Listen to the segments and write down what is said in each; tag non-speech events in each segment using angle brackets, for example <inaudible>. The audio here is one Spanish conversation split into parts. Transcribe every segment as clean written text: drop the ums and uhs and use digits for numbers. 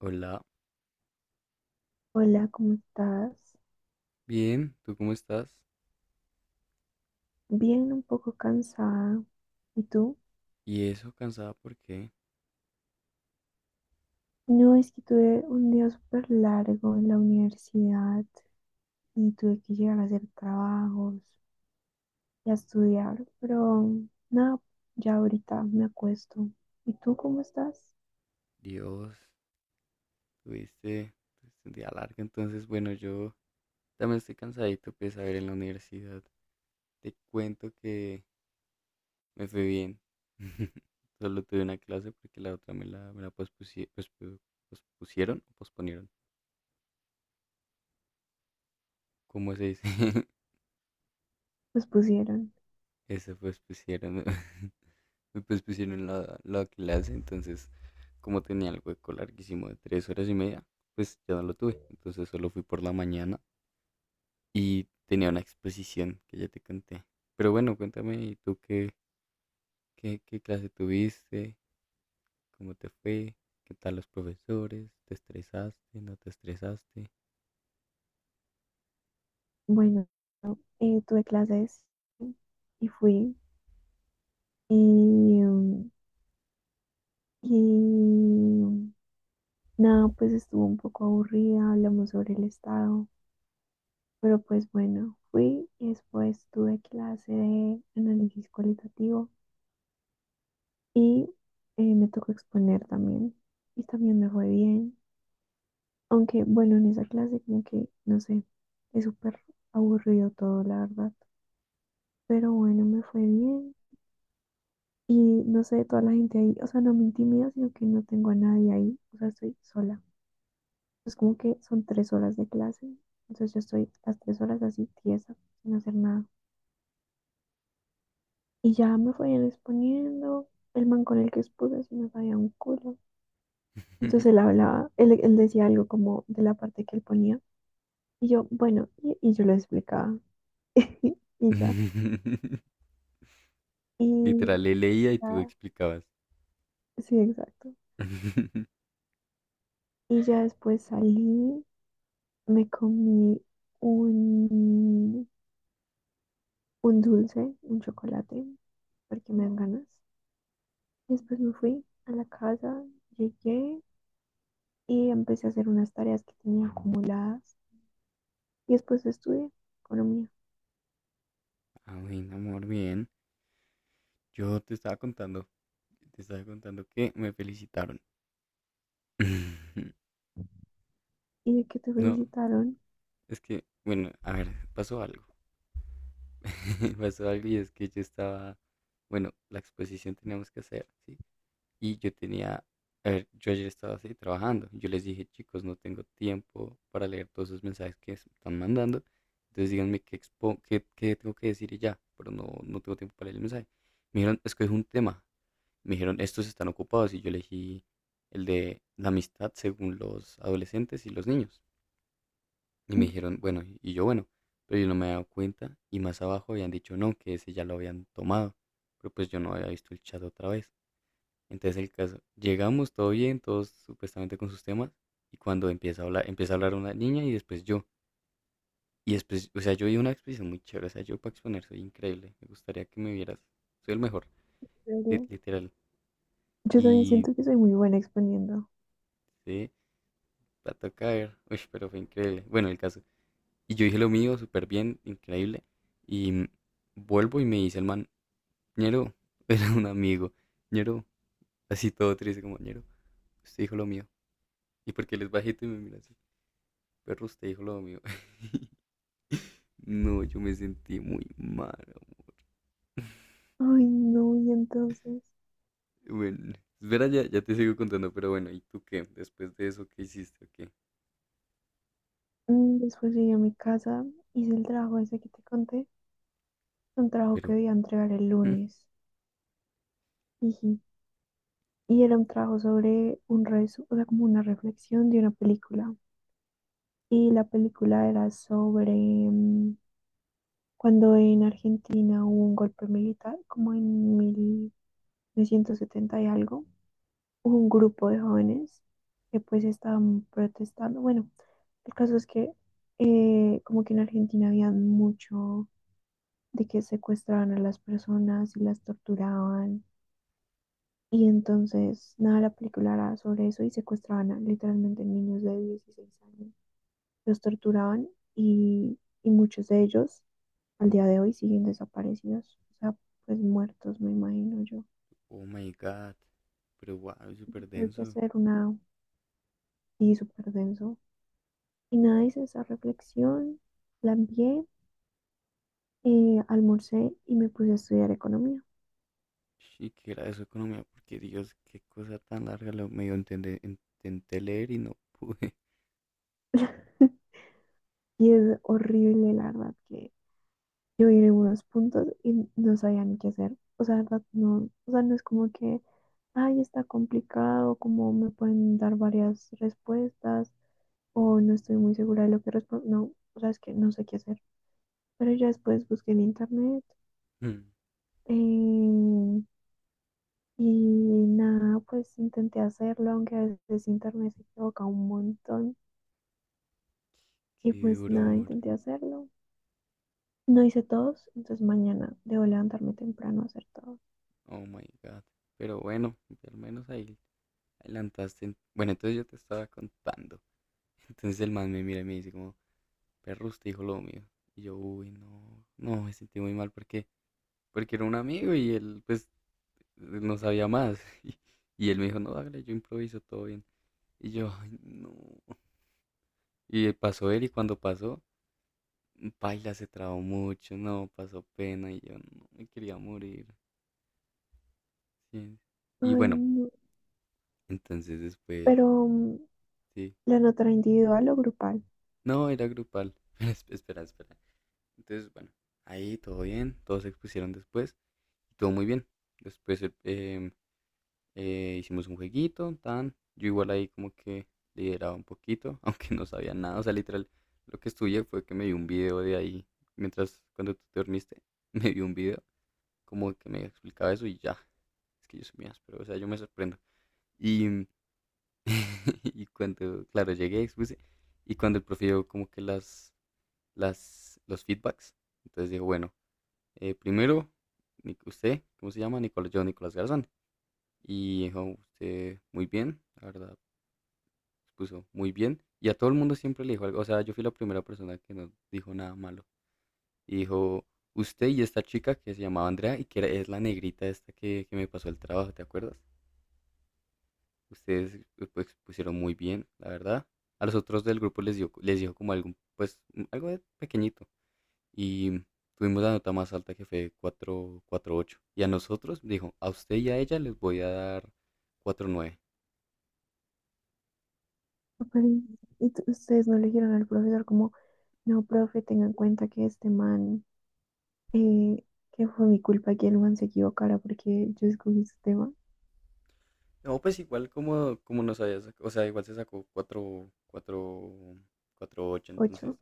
Hola, Hola, ¿cómo estás? bien, ¿tú cómo estás? Bien, un poco cansada. ¿Y tú? ¿Y eso cansada por qué? No, es que tuve un día súper largo en la universidad y tuve que llegar a hacer trabajos y a estudiar, pero nada, ya ahorita me acuesto. ¿Y tú cómo estás? Dios, tuviste, tuviste un día largo, entonces bueno, yo también estoy cansadito, pues a ver, en la universidad te cuento que me fue bien. <laughs> Solo tuve una clase porque la otra me la pospusieron o posponieron, ¿cómo se dice? Pues pusieron. Esa pues pusieron, <laughs> pues pusieron la clase, entonces como tenía el hueco larguísimo de 3 horas y media, pues ya no lo tuve. Entonces solo fui por la mañana y tenía una exposición que ya te conté. Pero bueno, cuéntame, ¿Tú qué clase tuviste? ¿Cómo te fue? ¿Qué tal los profesores? ¿Te estresaste? ¿No te estresaste? Bueno, tuve clases y fui y, mm, y nada, pues estuvo un poco aburrida, hablamos sobre el estado. Pero pues bueno, fui y después tuve clase de análisis cualitativo y me tocó exponer también. Y también me fue bien. Aunque bueno, en esa clase como que, no sé, es súper aburrido todo, la verdad. Pero bueno, me fue bien. Y no sé, toda la gente ahí, o sea, no me intimida, sino que no tengo a nadie ahí. O sea, estoy sola. Es como que son 3 horas de clase. Entonces yo estoy las 3 horas así tiesa, sin hacer nada. Y ya me fueron exponiendo. El man con el que expuse sí me sabía un culo. Entonces él <laughs> hablaba, él decía algo como de la parte que él ponía. Y yo, bueno, y yo lo explicaba. <laughs> Y ya. Literal, Y le leía y tú ya, explicabas. sí, exacto. <laughs> Y ya después salí, me comí un, un dulce, un chocolate, porque me dan ganas. Y después me fui a la casa, llegué y empecé a hacer unas tareas que tenía acumuladas. Y después estudié economía. Ah, bueno, amor, bien. Yo te estaba contando que me felicitaron. <laughs> Y de que te No, felicitaron. es que, bueno, a ver, pasó algo. <laughs> Pasó algo y es que yo estaba, bueno, la exposición teníamos que hacer, ¿sí? Y yo tenía, a ver, yo ayer estaba así trabajando. Yo les dije, chicos, no tengo tiempo para leer todos esos mensajes que se están mandando. Entonces díganme qué, qué tengo que decir y ya, pero no tengo tiempo para leer el mensaje. Me dijeron, es que es un tema. Me dijeron, estos están ocupados y yo elegí el de la amistad según los adolescentes y los niños. Y me En dijeron, bueno, y yo, bueno, pero yo no me había dado cuenta y más abajo habían dicho no, que ese ya lo habían tomado, pero pues yo no había visto el chat otra vez. Entonces el caso, llegamos todo bien, todos supuestamente con sus temas y cuando empieza a hablar una niña y después yo. Y después, o sea, yo di una exposición muy chévere, o sea, yo para exponer soy increíble, me gustaría que me vieras, soy el mejor, serio, literal. yo también Y siento que soy muy buena exponiendo. sí, la toca ver. <laughs> Uy, pero fue increíble. Bueno, el caso. Y yo dije lo mío, súper bien, increíble. Y vuelvo y me dice el man, ñero, <laughs> era un amigo, ñero, así todo triste como, ñero, usted dijo lo mío. Y porque él es bajito y me mira así, perro, usted dijo lo mío. <laughs> No, yo me sentí muy mal, amor. Ay, no, y entonces. Bueno, espera, ya te sigo contando, pero bueno, ¿y tú qué? Después de eso, ¿qué hiciste? ¿O qué? Después llegué a mi casa, hice el trabajo ese que te conté. Un trabajo que Pero, debía entregar el <laughs> lunes. Jiji. Y era un trabajo sobre o sea, como una reflexión de una película. Y la película era sobre cuando en Argentina hubo un golpe militar, como en 1970 y algo. Un grupo de jóvenes que pues estaban protestando. Bueno, el caso es que como que en Argentina había mucho de que secuestraban a las personas y las torturaban. Y entonces, nada, la película era sobre eso y secuestraban a, literalmente niños de 16 años. Los torturaban y muchos de ellos al día de hoy siguen desaparecidos. O sea, pues muertos, me imagino yo. oh my God, pero wow, súper Tuve que denso. hacer una. Y súper denso. Y nada, hice esa reflexión, la envié, almorcé y me puse a estudiar economía. Y que era de su economía, porque Dios, qué cosa tan larga, lo medio intenté leer y no <laughs> pude. <laughs> Y es horrible, la verdad, que yo vi en algunos puntos y no sabía ni qué hacer. O sea, la verdad, no, o sea, no es como que, ay, está complicado, como me pueden dar varias respuestas o no estoy muy segura de lo que respondo. No, o sea, es que no sé qué hacer. Pero ya después busqué en internet. Mm, eh, Y nada, pues intenté hacerlo, aunque a veces internet se equivoca un montón. Y Qué pues duro, nada, amor. intenté hacerlo. No hice todos, entonces mañana debo levantarme temprano a hacer todos. Oh my God. Pero bueno, al menos ahí adelantaste. Bueno, entonces yo te estaba contando. <laughs> Entonces el man me mira y me dice como, perro, usted dijo lo mío. Y yo, uy, no, no, me sentí muy mal porque era un amigo y él, pues, no sabía más. <laughs> Y él me dijo, no, hágale, yo improviso, todo bien. Y yo, ay, no. Y pasó él y cuando pasó, Paila se trabó mucho, no, pasó pena y yo no me quería morir. Sí. Y Ay, bueno, no. entonces después, Pero sí. la nota era individual o grupal. No, era grupal. <laughs> Espera, espera. Entonces, bueno, ahí todo bien, todos se expusieron después y todo muy bien. Después hicimos un jueguito, tan. Yo igual ahí como que lideraba un poquito, <laughs> aunque no sabía nada. O sea, literal, lo que estudié fue que me vi un video de ahí, mientras cuando tú te dormiste, <laughs> me vi un video como que me explicaba eso y ya. Es que yo soy mías, pero o sea, yo me sorprendo. Y, <laughs> y cuando, claro, llegué, expuse, y cuando el profe dio como que los feedbacks, entonces dijo, bueno, primero, usted, ¿cómo se llama? Nicolás, yo, Nicolás Garzón. Y dijo, usted, muy bien, la verdad, puso muy bien. Y a todo el mundo siempre le dijo algo, o sea, yo fui la primera persona que no dijo nada malo. Y dijo, usted y esta chica que se llamaba Andrea y que es la negrita esta que me pasó el trabajo, ¿te acuerdas? Ustedes pues pusieron muy bien, la verdad. A los otros del grupo les dijo como algo, pues algo de pequeñito. Y tuvimos la nota más alta que fue 4.48. Y ocho. Y a nosotros dijo, a usted y a ella les voy a dar 4.9. <laughs> Ay. Y ustedes no le dijeron al profesor como, no, profe, tenga en cuenta que este man, eh, que fue mi culpa que el man se equivocara porque yo escogí su tema. No, pues igual como nos había sacado, o sea, igual se sacó 4, 4, ocho entonces Ocho.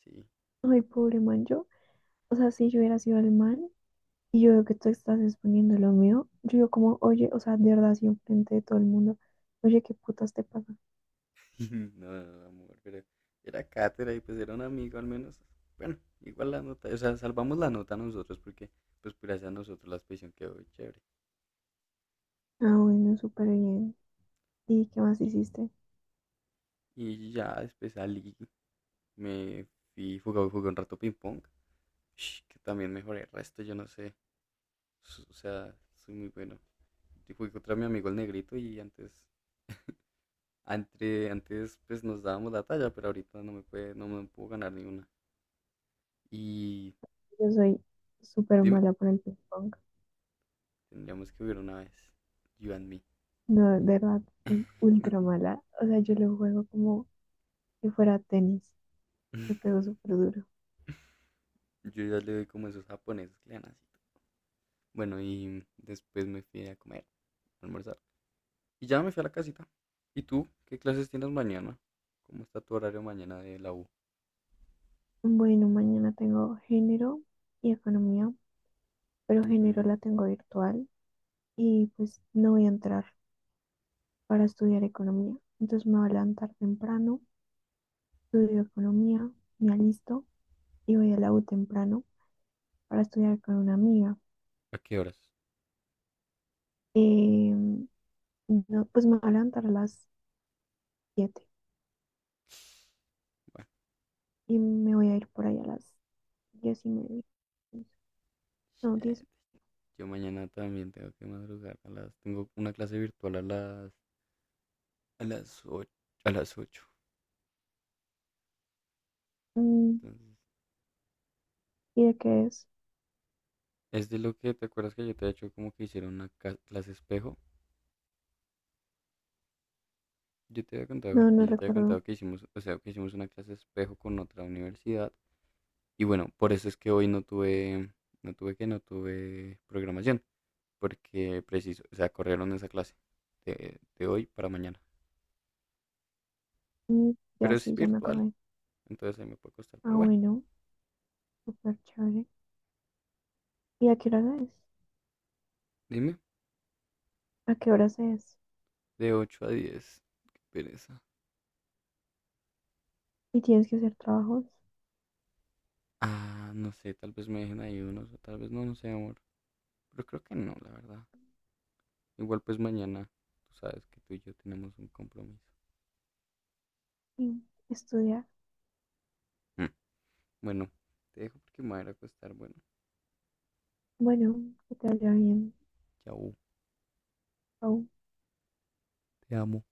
sí. Ay, pobre man, yo. O sea, si yo hubiera sido el man. Y yo veo que tú estás exponiendo lo mío, yo digo como, oye, o sea, de verdad, así enfrente de todo el mundo, oye, ¿qué putas te pasa? <laughs> No, no, no, amor, pero era cátedra y pues era un amigo al menos. Bueno, igual la nota, o sea, salvamos la nota nosotros porque pues gracias a nosotros la expedición quedó chévere. Ah, bueno, súper bien. ¿Y qué más Y, hiciste? y ya después salí, me fui, jugué un rato ping pong, <sniffs> que también mejoré el resto, yo no sé, o sea, soy muy bueno. Yo jugué contra mi amigo el negrito y antes pues nos dábamos la talla, pero ahorita no me puedo ganar ni una. Y Yo soy súper dime, mala para el ping pong. tendríamos que hubiera una vez, you and me. No, de verdad, soy ultra <laughs> mala. O sea, yo lo juego como si fuera tenis. Le pego súper duro. Yo ya le doy como esos japoneses que le dan así. Bueno, y después me fui a comer, a almorzar. Y ya me fui a la casita. ¿Y tú? ¿Qué clases tienes mañana? ¿Cómo está tu horario mañana de la U? Bueno, mañana tengo género y economía, pero género Ujú. la tengo virtual y pues no voy a entrar para estudiar economía. Entonces me voy a levantar temprano. Estudio economía, me alisto y voy a la U temprano para estudiar con una amiga. ¿A qué horas? Eh, no, pues me voy a levantar a las 7:00 Bueno, y me voy a ir por ahí a las 10:30. No, 10. shit. Yo mañana también tengo que madrugar. Tengo una clase virtual a las 8 A las ocho. mm, Entonces, ¿Y de qué es? es de lo que te acuerdas que yo te había hecho como que hicieron una clase espejo. Yo te había contado, No, no sí, yo te había recuerdo. contado que hicimos, o sea, que hicimos una clase espejo con otra universidad. Y bueno, por eso es que hoy no tuve programación, porque preciso, o sea, corrieron esa clase de hoy para mañana. Mm, Pero ya es sí, ya me virtual, acordé. entonces ahí me puede costar. Ah, Pero bueno, bueno, súper chévere. ¿Y a qué hora es? dime, ¿A qué horas es? de 8 a 10 qué pereza. ¿Y tienes que hacer trabajos? Ah, no sé, tal vez me dejen ahí unos, o tal vez no, no sé, amor. Pero creo que no, la verdad. Igual pues mañana, tú sabes que tú y yo tenemos un compromiso. Sí, estudiar. Mm. Bueno, te dejo porque me voy a ir a acostar. Bueno, Bueno, que te vaya bien. chao, Chao. te amo.